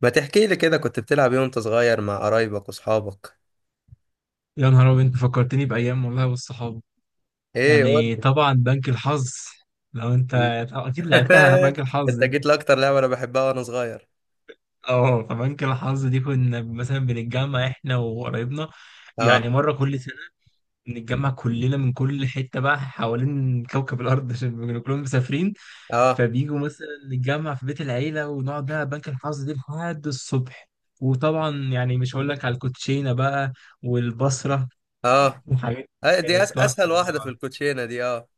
ما تحكي لي كده كنت بتلعب ايه وانت صغير مع قرايبك واصحابك؟ يا نهار أبيض، أنت فكرتني بأيام والله والصحاب. ايه قول يعني لي. طبعا بنك الحظ، لو أنت أكيد لعبتها على بنك الحظ انت دي. جيت لاكتر لعبه انا بحبها وانا صغير. فبنك الحظ دي كنا مثلا بنتجمع إحنا وقرايبنا، اه. يعني مرة كل سنة. بنتجمع كلنا من كل حتة بقى حوالين كوكب الأرض، عشان بيكونوا كلهم مسافرين. اه. فبيجوا مثلا نتجمع في بيت العيلة ونقعد بقى بنك الحظ دي لحد الصبح. وطبعا يعني مش هقول لك على الكوتشينة بقى، والبصرة، اه. وحاجات. أي- دي أس كانت تحفة اسهل والله واحده في العظيم. الكوتشينه دي، اه.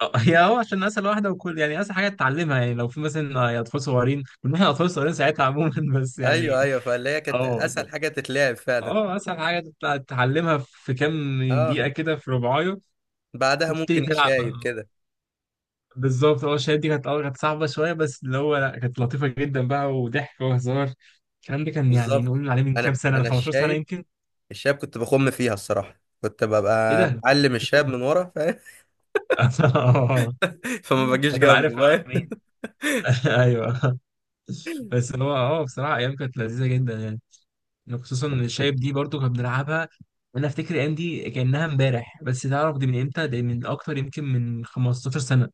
آه، آه، هو عشان اسهل واحده، وكل يعني اسهل حاجه تتعلمها، يعني لو في مثلا يا اطفال صغيرين، كنا احنا اطفال صغيرين ساعتها عموما. بس يعني. ايوه فاللي هي كانت اه اسهل كده. حاجه تتلعب فعلا. اه، اسهل حاجه تطلع تتعلمها في كام اه، دقيقه كده، في ربعايه بعدها وتبتدي ممكن تلعب. الشايب كده. بالظبط. اه الشهادة دي كانت كانت صعبه شويه، بس اللي هو لا، كانت لطيفه جدا بقى وضحك وهزار. الكلام ده كان يعني بالظبط. نقول عليه من كام انا سنه، من انا 15 سنه الشايب. يمكن. الشايب كنت بخم فيها الصراحه، كنت ايه ببقى ده؟ معلم الشاب من ورا، فاهم؟ اه، فما بجيش هتبقى جنبه، عارف مع فاهم؟ مين. ايوه. بس هو بصراحه ايام كانت لذيذه جدا يعني. يعني خصوصا ان الشايب دي برضو كنا بنلعبها. انا افتكر الايام دي كانها امبارح، بس تعرف دي من امتى؟ ده من اكتر يمكن من 15 سنه.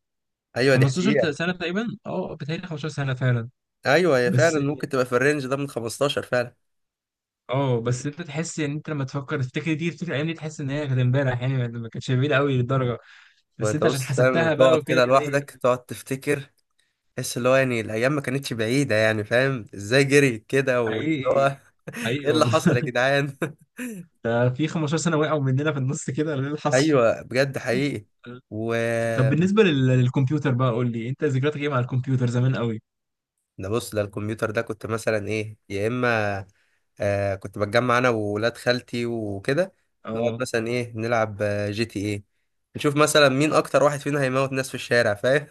ايوه دي 15 حقيقه. سنه تقريبا، بتهيألي 15 سنه فعلا. ايوه هي فعلا بس. ممكن تبقى في الرينج ده من 15 فعلا. انت تحس ان انت لما تفكر تفتكر دي، تفتكر الايام دي، تحس ان هي كانت امبارح يعني، ما كانتش بعيده قوي للدرجه. ما بس انت انت عشان بص فاهم، حسبتها بقى تقعد وكده كده تلاقي. لوحدك تقعد تفتكر، تحس اللي هو يعني الايام ما كانتش بعيده، يعني فاهم ازاي جريت كده واللي حقيقي. هو حقيقي ايه اللي والله. حصل يا جدعان؟ ده في 15 سنه وقعوا مننا في النص كده، ولا ايه اللي حصل؟ ايوه بجد حقيقي. و طب بالنسبه للكمبيوتر بقى، قول لي انت، ذكرياتك ايه مع الكمبيوتر زمان قوي. ده بص ده الكمبيوتر ده كنت مثلا ايه يا اما كنت بتجمع انا وولاد خالتي وكده، نقعد اه، مثلا ايه نلعب جي تي ايه، نشوف مثلا مين اكتر واحد فينا هيموت ناس في الشارع، فاهم؟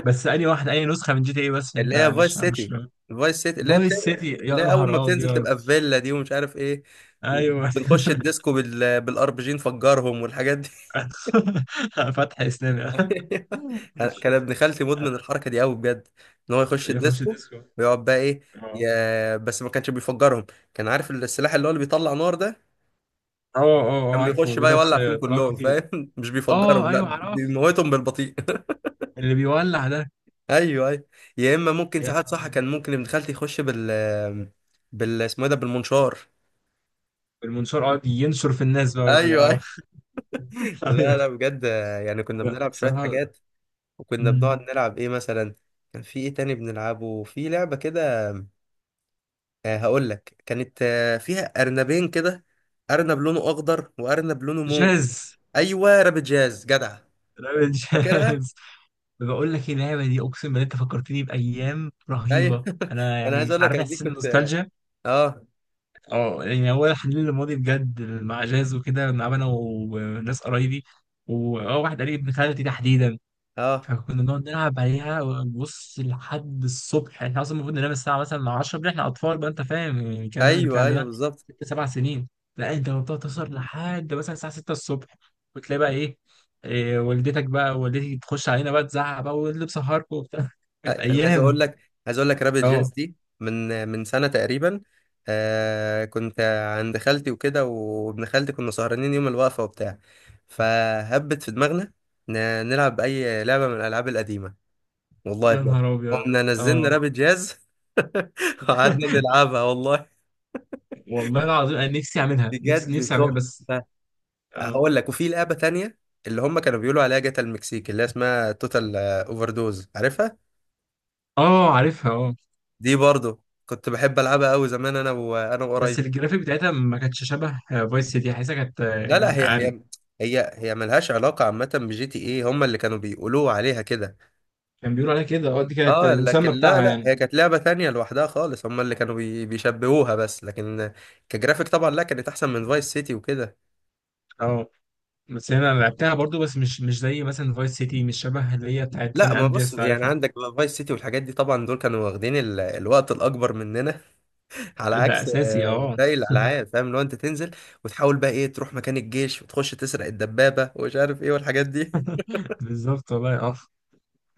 بس انهي واحد، انهي نسخه من جي تي اي؟ بس عشان اللي انت هي فايس مش. سيتي. فايس سيتي اللي هي بت... فايس سيتي، اللي يا هي اول ما نهار بتنزل ابيض. تبقى في فيلا دي ومش عارف ايه، ايوه. بنخش الديسكو بال... بالار بي جي، نفجرهم والحاجات دي. فتح اسلامي. مش- كان ابن خالتي مدمن الحركه دي قوي بجد، ان هو يخش يخش الديسكو الديسكو. ويقعد بقى ايه اه. يا... بس ما كانش بيفجرهم، كان عارف السلاح اللي هو اللي بيطلع نار ده، اه. اه. آه، كان عارفه، بيخش بقى بيضرب يولع فيهم طلاب كلهم كتير. فاهم. مش اه بيفجرهم ايوه، لا عرفته، بيموتهم بالبطيء. اللي بيولع ده. ايوه يا اما ممكن يا ساعات نهار صح أبيض. كان ممكن ابن خالتي يخش بال بال اسمه ايه ده، بالمنشار. المنشار قاعد ينشر في الناس بقى، ايوه اه. ايوه لا ايوه. لا بجد، يعني كنا لا، بنلعب شويه بصراحه. حاجات، وكنا بنقعد مم. نلعب ايه مثلا. كان في ايه تاني بنلعبه؟ في لعبه كده هقول لك، كانت فيها ارنبين كده، ارنب لونه اخضر وارنب لونه مو. جاز. ايوه رابط جاز جدع. راب فاكرها. الجاز. بقول لك إيه، اللعبه دي اقسم بالله انت فكرتني بايام ايوه. رهيبه، انا انا عايز يعني اقول لك عارف أنا دي احساس كنت النوستالجيا. اه. اه، يعني هو حنين للماضي بجد، مع جاز وكده بنلعب انا وناس قرايبي، واه، واحد قريب، ابن خالتي تحديدا. اه فكنا بنقعد نلعب عليها، بص، لحد الصبح. احنا اصلا المفروض ننام الساعه مثلا 10 بالليل، احنا اطفال بقى، انت فاهم يعني، الكلام ده من كان ايوه ايوه عندنا بالظبط. ست سبع سنين. لا، انت بتقعد تسهر لحد مثلا الساعه 6 الصبح، وتلاقي بقى ايه، إيه، والدتك بقى والدتي تخش علينا بقى تزعق بقى، واللي بسهركم وبتاع. كانت انا عايز اقول ايام. لك، عايز اقول لك رابط جاز اه دي من من سنه تقريبا. كنت عند خالتي وكده وابن خالتي، كنا سهرانين يوم الوقفه وبتاع، فهبت في دماغنا ن- نلعب اي لعبه من الالعاب القديمه، والله يا بجد. نهار ابيض. قمنا نزلنا اه. رابط جاز. وقعدنا نلعبها والله. والله العظيم، انا نفسي اعملها، نفسي بجد نفسي اعملها تحفه. بس. اه. هقول لك، وفي لعبه تانية اللي هم كانوا بيقولوا عليها جاتا المكسيك، اللي هي اسمها توتال اوفر دوز، عارفها؟ اه عارفها اه. دي برضو كنت بحب العبها قوي زمان انا بس وقرايبي. الجرافيك بتاعتها ما كانتش شبه فايس سيتي، حاسسها كانت لا لا يعني هي اقل. هي هي ملهاش علاقة عامة بجي تي ايه، هما اللي كانوا بيقولوا عليها كده. كان بيقولوا عليها كده، دي كانت اه لكن المسمى لا بتاعها لا يعني. هي كانت لعبة تانية لوحدها خالص، هما اللي كانوا بيشبهوها بس، لكن كجرافيك طبعا لا كانت احسن من فايس سيتي وكده. اه بس هنا أنا لعبتها برضو، بس مش زي مثلا فايس سيتي، مش شبه اللي هي بتاعت سان لا ما بص، اندرياس، يعني عارفها. عندك فايس سيتي والحاجات دي طبعا دول كانوا واخدين ال... الوقت الاكبر مننا، على عكس ده اساسي، اه. باقي الالعاب فاهم، لو انت تنزل وتحاول بقى ايه تروح مكان الجيش وتخش تسرق الدبابة ومش عارف ايه والحاجات دي. بالظبط والله. اه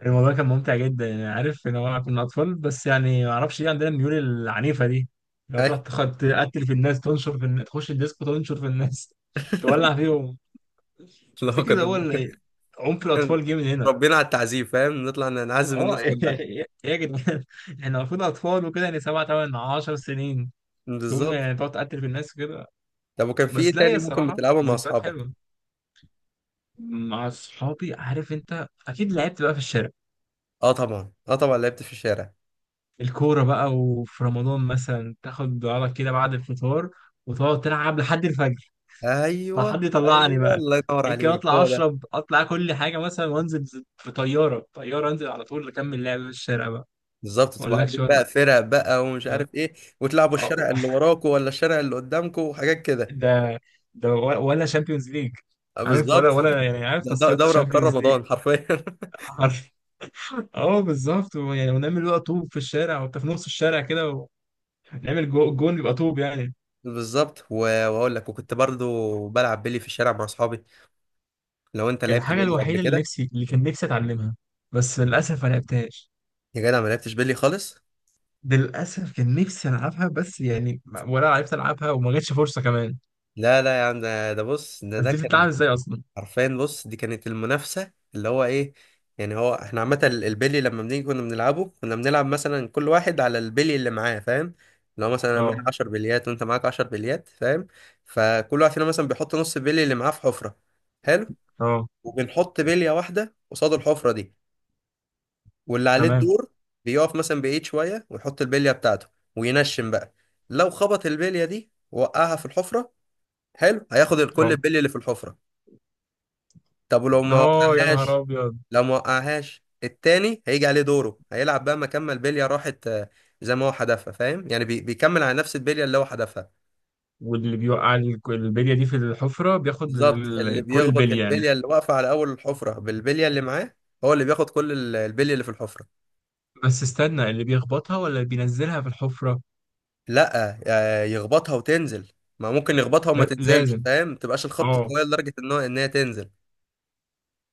الموضوع كان ممتع جدا يعني، عارف ان هو كنا اطفال، بس يعني ما اعرفش ليه عندنا الميول العنيفه دي. لو تروح تقتل في الناس، تنشر في الناس، تخش الديسكو تنشر في الناس، تولع فيهم. لو تفتكر ده هو كنا عنف الاطفال جه من هنا؟ ربنا على التعذيب فاهم، نطلع نعذب اه. الناس ايه، كلها. إيه يا جدعان، احنا المفروض اطفال وكده، يعني سبع تمن عشر سنين، تقوم بالظبط. يعني تقعد تقتل في الناس كده. طب وكان في ايه بس لا، يا تاني ممكن الصراحه بتلعبه مع ذكريات اصحابك؟ حلوه، مع اصحابي. عارف انت، اكيد لعبت بقى في الشارع، اه طبعا اه طبعا لعبت في الشارع. الكوره بقى، وفي رمضان مثلا تاخد بعضك كده بعد الفطار وتقعد تلعب لحد الفجر. طب ايوه حد يطلعني ايوه بقى، الله ينور يمكن عليك اطلع هو ده. اشرب، اطلع كل حاجه مثلا وانزل في طياره طياره، انزل على طول اكمل لعب في الشارع بقى. بالظبط، ما تبقى اقولكش عاملين بقى بقى- فرق بقى ومش لا. عارف ايه، وتلعبوا أه، الشارع اللي وراكوا ولا الشارع اللي قدامكوا وحاجات كده. ده ده ولا شامبيونز ليج. عارف، ولا بالظبط. ولا يعني، عارف ده تصفيات دوري ابطال الشامبيونز ليج. رمضان حرفيا. عارف. اه بالظبط، يعني ونعمل بقى طوب في الشارع وانت في نص الشارع كده، ونعمل جون، يبقى طوب يعني. بالظبط واقول لك وكنت برضو بلعب بيلي في الشارع مع اصحابي، لو انت لعبت الحاجه بيلي قبل الوحيده كده. اللي كان نفسي اتعلمها، بس للاسف ما لعبتهاش. يا جدع ما لعبتش بيلي خالص. للاسف كان نفسي العبها، بس يعني ولا عرفت العبها، وما جاتش فرصه كمان. لا لا يا عم ده بص ده بس ده دي كان بتتلعب ازاي اصلا؟ حرفيا بص، دي كانت المنافسة اللي هو ايه، يعني هو احنا عامة ال- البلي لما بنيجي كنا بنلعبه، كنا بنلعب مثلا كل واحد على البلي اللي معاه فاهم، لو مثلا انا معايا اه. 10 بليات وانت معاك 10 بليات فاهم، فكل واحد فينا مثلا بيحط نص البلي اللي معاه في حفرة. حلو. اه. وبنحط بلية واحدة قصاد الحفرة دي، واللي عليه تمام. الدور بيقف مثلا بعيد شوية ويحط البلية بتاعته وينشن بقى. لو خبط البلية دي وقعها في الحفرة، حلو هياخد الكل اه. البلي اللي في الحفرة. طب ولو ما اه، يا نهار وقعهاش؟ ابيض. لو ما وقعهاش التاني هيجي عليه دوره، هيلعب بقى مكان ما البليه راحت، زي ما هو حدفها فاهم، يعني بيكمل على نفس البليه اللي هو حدفها. واللي بيوقع البلية دي في الحفرة، بياخد بالظبط، اللي كل بيخبط البلية يعني. البليه اللي واقفه على اول الحفره بالبليه اللي معاه هو اللي بياخد كل ال- البليه اللي في الحفره. بس استنى، اللي بيخبطها ولا اللي بينزلها في الحفرة؟ لا يخبطها وتنزل. ما ممكن يخبطها وما لا، تنزلش لازم. فاهم، ما تبقاش الخبطه اه، قويه لدرجه ان هو انها تنزل.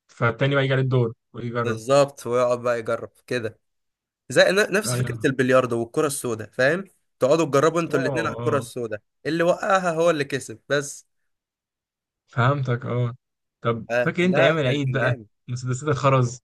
فالتاني بقى يجي عليه الدور ويجرب. بالظبط ويقعد بقى يجرب كده، زي نفس ايوه. فكرة البلياردو والكرة السوداء فاهم، تقعدوا تجربوا اه. انتوا الاتنين على الكرة اه. السوداء، اللي وقعها هو اللي كسب بس. فهمتك اه. طب آه فاكر انت لا ايام كان العيد كان بقى، جامد. مسدسات الخرز،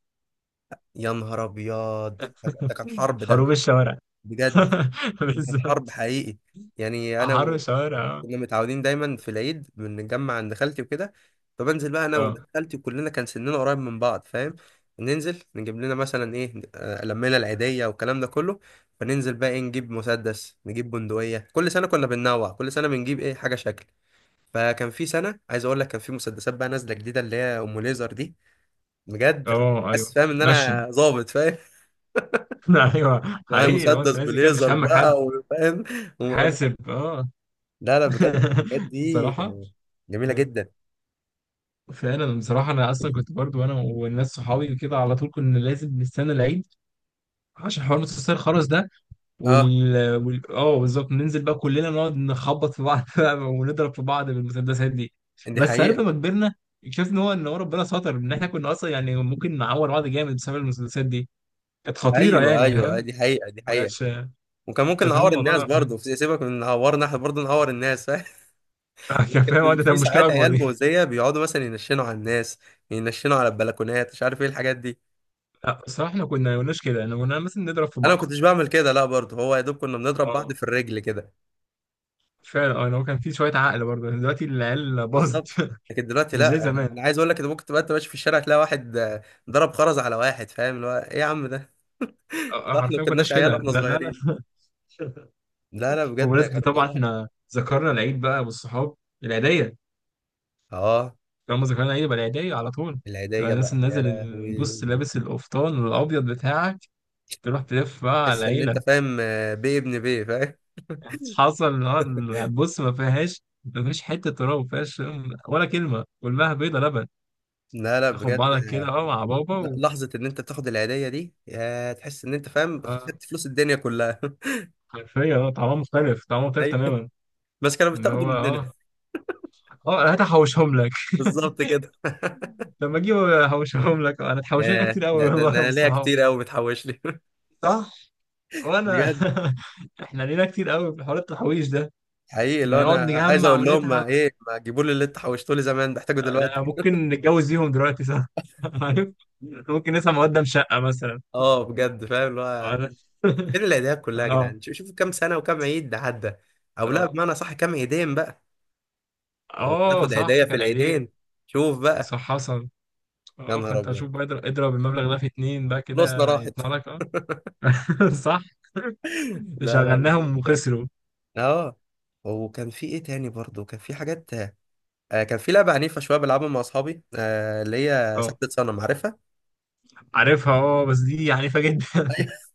يا نهار ابيض ده ده كان حرب ده. حروب الشوارع. بجد ده كان حرب بالظبط. حقيقي. يعني حرب انا الشوارع، اه. كنا متعودين دايما في العيد بنتجمع عند خالتي وكده، فبنزل بقى انا وولاد اه. خالتي كلنا كان سننا قريب من بعض فاهم، ننزل نجيب لنا مثلا ايه لمينا العيدية والكلام ده كله، فننزل بقى ايه نجيب مسدس نجيب بندقية، كل سنة كنا بننوع، كل سنة بنجيب ايه حاجة شكل. فكان في سنة عايز اقول لك كان في مسدسات بقى نازلة جديدة اللي هي ام ليزر دي، بجد أنا اه. حاسس ايوه، فاهم ان نشن. انا ظابط فاهم. ايوه معايا حقيقي، لو انت مسدس نازل كده مش بليزر همك حد. بقى وفاهم وم- حاسب، اه. لا لا بجد الحاجات دي بصراحة. جميلة آه. جدا. فعلا، بصراحة أنا أصلا كنت برضو أنا والناس صحابي كده على طول كنا لازم نستنى العيد، عشان حوار نص الساعة الخرز ده. اه وال, وال... آه بالظبط، ننزل بقى كلنا نقعد نخبط في بعض، بقى، ونضرب في بعض بالمسدسات دي. دي بس عارف حقيقة. لما كبرنا، اكتشفت إن هو ربنا ستر، إن إحنا كنا أصلا يعني ممكن نعور بعض جامد بسبب المسدسات دي، كانت خطيرة ايوه يعني ايوه فاهم، دي حقيقة دي ما حقيقة. كانتش. وكان أنت ممكن فاهم نعور الناس الموضوع ده. برضه سيبك من نعورنا احنا، برضه نعور الناس فاهم. كان فاهم، كان ده في كانت مشكلة ساعات أكبر عيال دي. مؤذية بيقعدوا مثلا ينشنوا على الناس، ينشنوا على البلكونات مش عارف ايه الحاجات دي. لا بصراحة إحنا كنا ما كناش كده، إحنا كنا مثلا نضرب في انا ما بعض. كنتش بعمل كده لا، برضه هو يا دوب كنا بنضرب بعض آه. في الرجل كده. فعلا اه، يعني هو كان في شويه عقل برضه، يعني دلوقتي العيال باظت. بالظبط. لكن دلوقتي مش زي لا، انا زمان. عايز اقول لك ان ممكن تبقى انت ماشي في الشارع تلاقي واحد ضرب خرز على واحد فاهم اللي هو ايه يا عم ده. آه، آه، ده احنا ما حرفيا ما كناش كناش كده، عيال واحنا لا لا لا. صغيرين. لا لا بجد بمناسبة كانوا طبعا فظاع. احنا ذكرنا العيد بقى والصحاب، العيدية. اه. طالما ذكرنا العيد يبقى العيدية على طول. يبقى العيدية الناس بقى اللي يا نازل بص لهوي. لابس القفطان الأبيض بتاعك، تروح تلف بقى على تحس ان انت العيلة. فاهم بيه ابن بيه فاهم. حصل، اه، بص، ما فيهاش، ما فيهاش حتة تراب، ما فيهاش ولا كلمة، كلها بيضة لبن. لا لا تاخد بجد. بعضك كده، اه، مع بابا لا و. لحظة ان انت بتاخد العيدية دي، يا تحس ان انت فاهم اه خدت فلوس الدنيا كلها. حرفيا، طعمها مختلف، طعمها مختلف ايوه تماما. بس كانوا اللي بتاخدوا هو مننا. اه، اه هات احوشهم لك. بالظبط كده. لما اجيب احوشهم لك، انا اتحوشنا يا كتير قوي ده ده والله، ده يا ابو انا ليا الصحاب. كتير قوي متحوش لي. صح؟ وانا. بجد احنا لينا كتير قوي في حوار التحويش ده، حقيقي، إن اللي هو نقعد انا عايز نجمع اقول لهم ما ونتعب. ايه ما تجيبوا لي اللي انت حوشتوا لي زمان بحتاجه دلوقتي. لا، ممكن نتجوز بيهم دلوقتي، صح. عارف، ممكن نسمع مقدم شقة مثلا. اه بجد فاهم اللي هو اه. فين العيديات كلها يا اه. جدعان، شوفوا كام سنة وكام عيد ده عدى، او لا اه. بمعنى صح كام عيدين بقى. لو آه، تاخد عيدية صح، في كان عيدية. العيدين، شوف بقى. صح، حصل. يا اه، نهار فانت ابيض شوف بقى، اضرب اضرب المبلغ ده في اتنين بقى، فلوسنا كده راحت. هيطلع لك اه. صح. لا لا شغلناهم بجد. وخسروا. اه وكان في ايه تاني برضه كان في حاجات، كان في لعبه عنيفه شويه بلعبها مع اصحابي آه اللي هي آه. سحبة صنم، عارفها؟ عارفها اه، بس دي عنيفة جدا.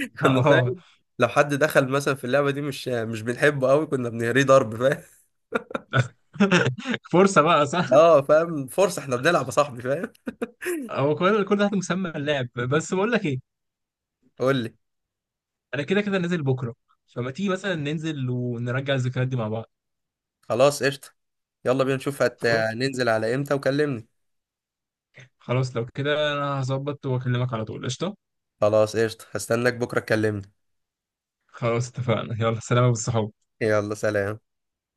كنا اه. فاهم لو حد دخل مثلا في اللعبه دي مش مش بنحبه قوي كنا بنهريه ضرب فاهم. فرصة بقى، صح. اه فاهم فرصه احنا بنلعب يا صاحبي فاهم. هو كل ده تحت مسمى اللعب. بس بقول لك ايه، قول لي. انا كده كده نازل بكرة، فما تيجي مثلا ننزل ونرجع الذكريات دي مع بعض. خلاص قشطه. يلا بينا نشوف هت... خلاص. ننزل على امتى وكلمني. خلاص، لو كده انا هظبط واكلمك على طول، قشطة. خلاص قشطه هستناك بكره تكلمني. خلاص اتفقنا، يلا سلام بالصحاب. يلا سلام.